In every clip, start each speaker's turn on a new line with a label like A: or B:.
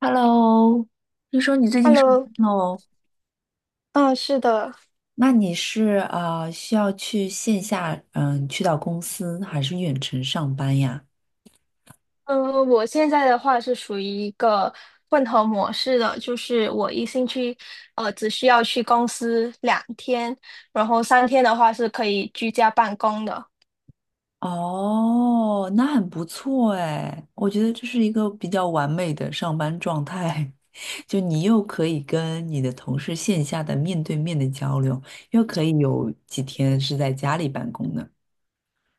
A: Hello，听说你最近上
B: Hello，
A: 班喽？
B: 嗯，是的。
A: 那你是需要去线下去到公司还是远程上班呀？
B: 嗯，我现在的话是属于一个混合模式的，就是我一星期，只需要去公司两天，然后三天的话是可以居家办公的。
A: 哦，那很不错哎，我觉得这是一个比较完美的上班状态，就你又可以跟你的同事线下的面对面的交流，又可以有几天是在家里办公的。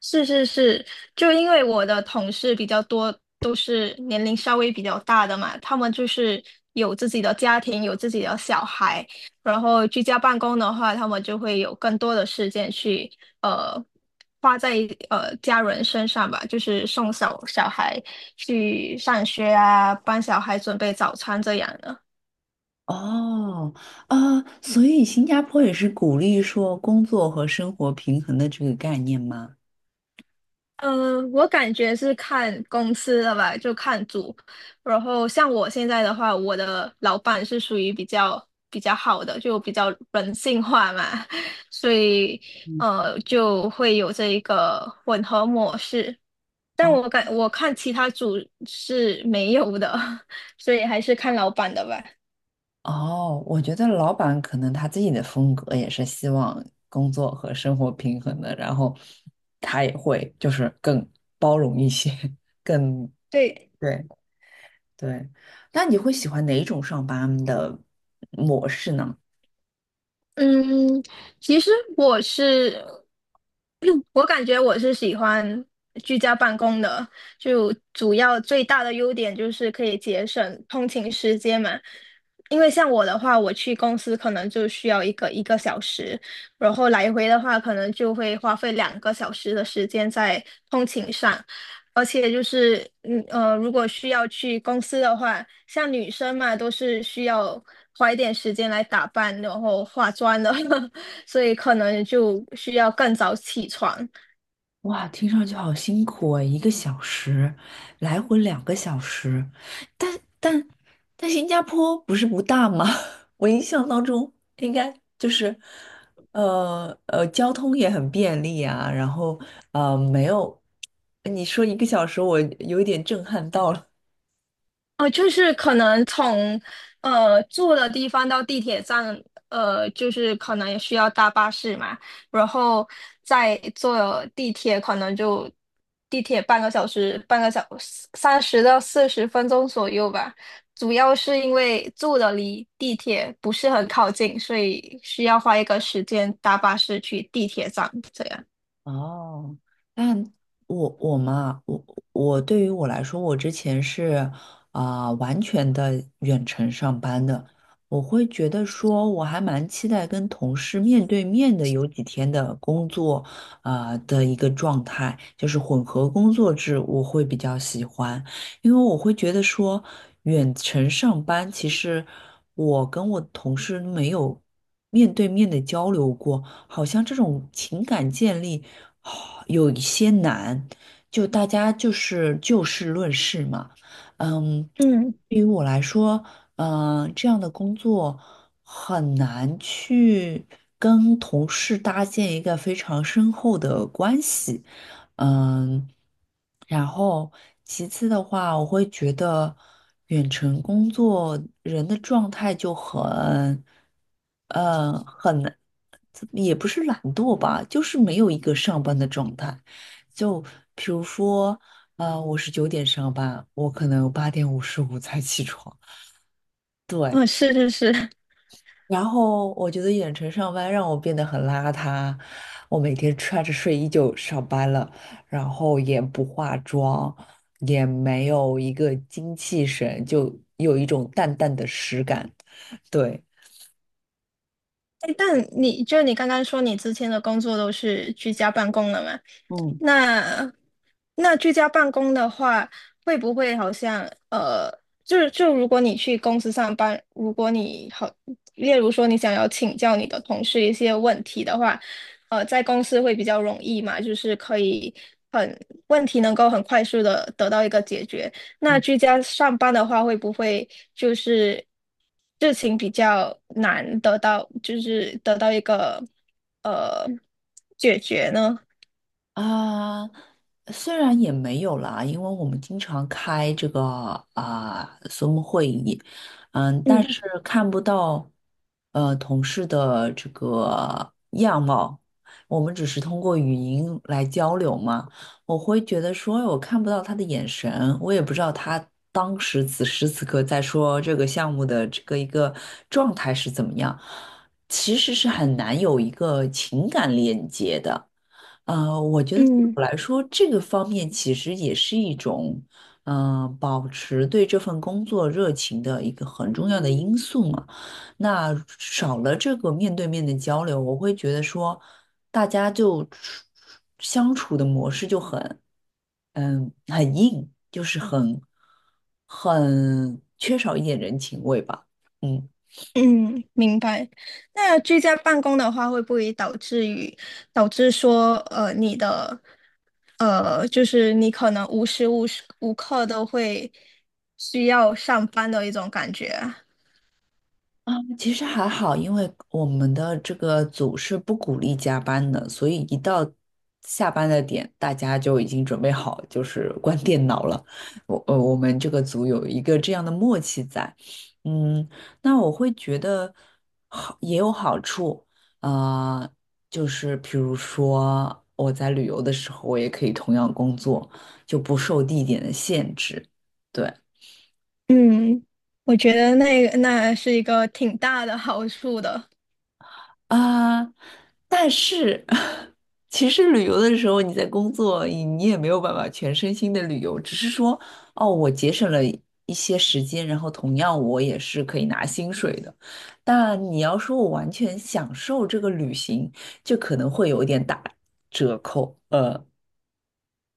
B: 是是是，就因为我的同事比较多，都是年龄稍微比较大的嘛，他们就是有自己的家庭，有自己的小孩，然后居家办公的话，他们就会有更多的时间去呃花在家人身上吧，就是送小孩去上学啊，帮小孩准备早餐这样的。
A: 哦，啊，所以新加坡也是鼓励说工作和生活平衡的这个概念吗？
B: 我感觉是看公司的吧，就看组。然后像我现在的话，我的老板是属于比较好的，就比较人性化嘛，所以就会有这一个混合模式。但
A: 哦
B: 我看其他组是没有的，所以还是看老板的吧。
A: 哦，我觉得老板可能他自己的风格也是希望工作和生活平衡的，然后他也会就是更包容一些，更
B: 对。
A: 对对。那你会喜欢哪一种上班的模式呢？
B: 嗯，其实我是，我感觉我是喜欢居家办公的，就主要最大的优点就是可以节省通勤时间嘛。因为像我的话，我去公司可能就需要一个小时，然后来回的话，可能就会花费两个小时的时间在通勤上。而且就是，如果需要去公司的话，像女生嘛，都是需要花一点时间来打扮，然后化妆的，所以可能就需要更早起床。
A: 哇，听上去好辛苦啊！一个小时，来回2个小时，但但但新加坡不是不大吗？我印象当中应该就是，交通也很便利啊，然后没有，你说一个小时，我有一点震撼到了。
B: 哦，就是可能从住的地方到地铁站，就是可能也需要搭巴士嘛，然后再坐地铁，可能就地铁半个小时，半个小三十到四十分钟左右吧。主要是因为住的离地铁不是很靠近，所以需要花一个时间搭巴士去地铁站这样。
A: 哦，但我嘛，我对于我来说，我之前是完全的远程上班的，我会觉得说我还蛮期待跟同事面对面的有几天的工作的一个状态，就是混合工作制，我会比较喜欢，因为我会觉得说远程上班，其实我跟我同事没有面对面的交流过，好像这种情感建立。有一些难，就大家就是就事论事嘛。嗯，
B: 嗯，
A: 对于我来说，这样的工作很难去跟同事搭建一个非常深厚的关系。嗯，然后其次的话，我会觉得远程工作人的状态就很，很，也不是懒惰吧，就是没有一个上班的状态。就比如说，我是9点上班，我可能8:55才起床。对。
B: 嗯，是是是。
A: 然后我觉得远程上班让我变得很邋遢，我每天穿着睡衣就上班了，然后也不化妆，也没有一个精气神，就有一种淡淡的实感。对，
B: 哎，但你刚刚说你之前的工作都是居家办公的嘛？
A: 嗯。
B: 那那居家办公的话，会不会好像呃，就如果你去公司上班，如果你好，例如说你想要请教你的同事一些问题的话，在公司会比较容易嘛，就是可以很问题能够很快速的得到一个解决。那居家上班的话，会不会就是事情比较难得到，就是得到一个呃解决呢？
A: 啊，虽然也没有啦，因为我们经常开这个Zoom 会议，嗯，但
B: 嗯。
A: 是看不到同事的这个样貌，我们只是通过语音来交流嘛。我会觉得说，哎我看不到他的眼神，我也不知道他当时此时此刻在说这个项目的这个一个状态是怎么样，其实是很难有一个情感链接的。我觉得对
B: 嗯
A: 我来说，这个方面其实也是一种，保持对这份工作热情的一个很重要的因素嘛。那少了这个面对面的交流，我会觉得说，大家就相处的模式就很，嗯，很硬，就是很缺少一点人情味吧。嗯。
B: 嗯，明白。那居家办公的话，会不会导致于导致说，呃，你的就是你可能无时无刻都会需要上班的一种感觉啊？
A: 啊，其实还好，因为我们的这个组是不鼓励加班的，所以一到下班的点，大家就已经准备好，就是 关电脑了。我们这个组有一个这样的默契在。嗯，那我会觉得好也有好处，啊，就是比如说我在旅游的时候，我也可以同样工作，就不受地点的限制。对。
B: 嗯，我觉得那是一个挺大的 好处的。
A: 啊，但是 其实旅游的时候你在工作，你也没有办法全身心的旅游，只是说哦，我节省了一些时间，然后同样我也是可以拿薪水的。但你要说我完全享受这个旅行，就可能会有一点打折扣。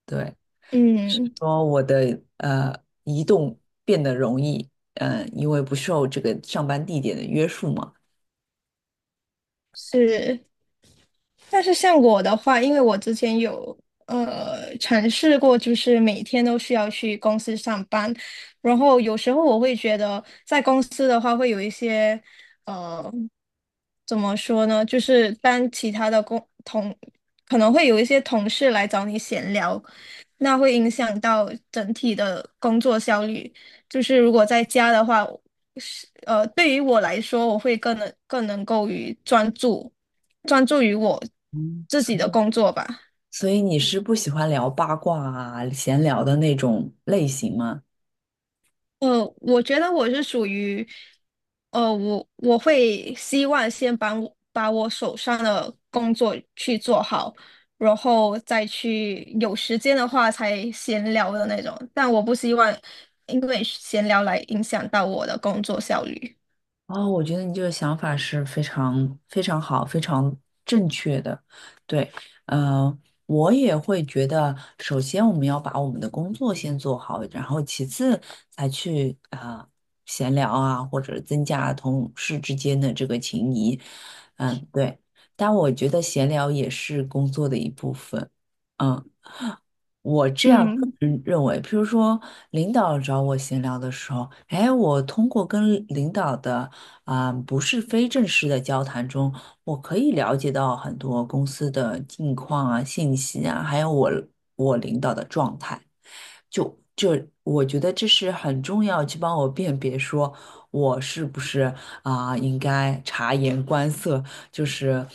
A: 对，是
B: 嗯，
A: 说我的移动变得容易，因为不受这个上班地点的约束嘛。
B: 是。但是像我的话，因为我之前有尝试过，就是每天都需要去公司上班，然后有时候我会觉得在公司的话会有一些呃怎么说呢，就是当其他的工同可能会有一些同事来找你闲聊，那会影响到整体的工作效率。就是如果在家的话，对于我来说，我会更能够于专注。专注于我自己的工作吧。
A: 所以你是不喜欢聊八卦啊、闲聊的那种类型吗？
B: 我觉得我是属于，我会希望先把我手上的工作去做好，然后再去有时间的话才闲聊的那种。但我不希望因为闲聊来影响到我的工作效率。
A: 哦，我觉得你这个想法是非常非常好、非常正确的。对，嗯，我也会觉得，首先我们要把我们的工作先做好，然后其次才去闲聊啊，或者增加同事之间的这个情谊。嗯，对。但我觉得闲聊也是工作的一部分。嗯。我这样个
B: 嗯
A: 人认为，譬如说，领导找我闲聊的时候，哎，我通过跟领导的不是非正式的交谈中，我可以了解到很多公司的近况啊、信息啊，还有我领导的状态。就这，我觉得这是很重要，去帮我辨别说我是不是应该察言观色，就是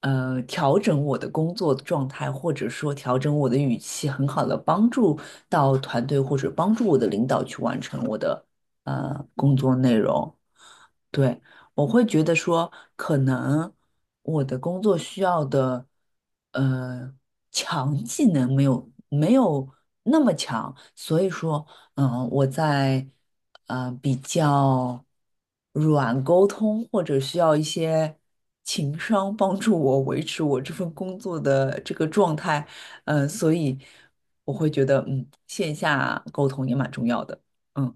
A: 调整我的工作状态，或者说调整我的语气，很好的帮助到团队或者帮助我的领导去完成我的工作内容。对，我会觉得说，可能我的工作需要的，呃，强技能没有那么强，所以说，嗯，我在比较软沟通或者需要一些情商帮助我维持我这份工作的这个状态，嗯，所以我会觉得，嗯，线下沟通也蛮重要的，嗯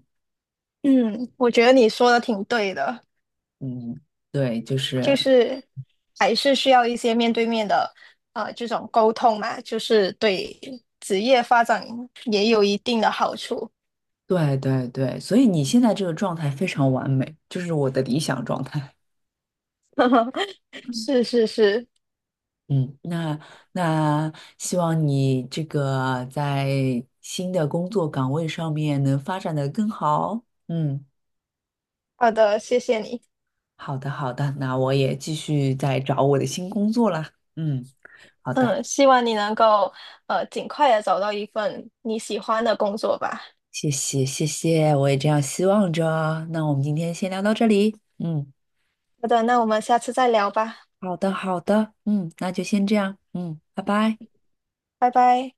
B: 嗯，我觉得你说的挺对的。
A: 嗯，对，就
B: 就
A: 是。
B: 是还是需要一些面对面的这种沟通嘛，就是对职业发展也有一定的好处。
A: 对对对，所以你现在这个状态非常完美，就是我的理想状态。
B: 是是是，
A: 嗯，那希望你这个在新的工作岗位上面能发展的更好。嗯，
B: 好的，谢谢你。
A: 好的好的，那我也继续在找我的新工作啦。嗯，
B: 嗯，希望你能够尽快的找到一份你喜欢的工作吧。
A: 谢谢谢谢，我也这样希望着。那我们今天先聊到这里。嗯，
B: 好的，那我们下次再聊吧，
A: 好的好的，嗯，那就先这样。嗯，拜拜。
B: 拜拜。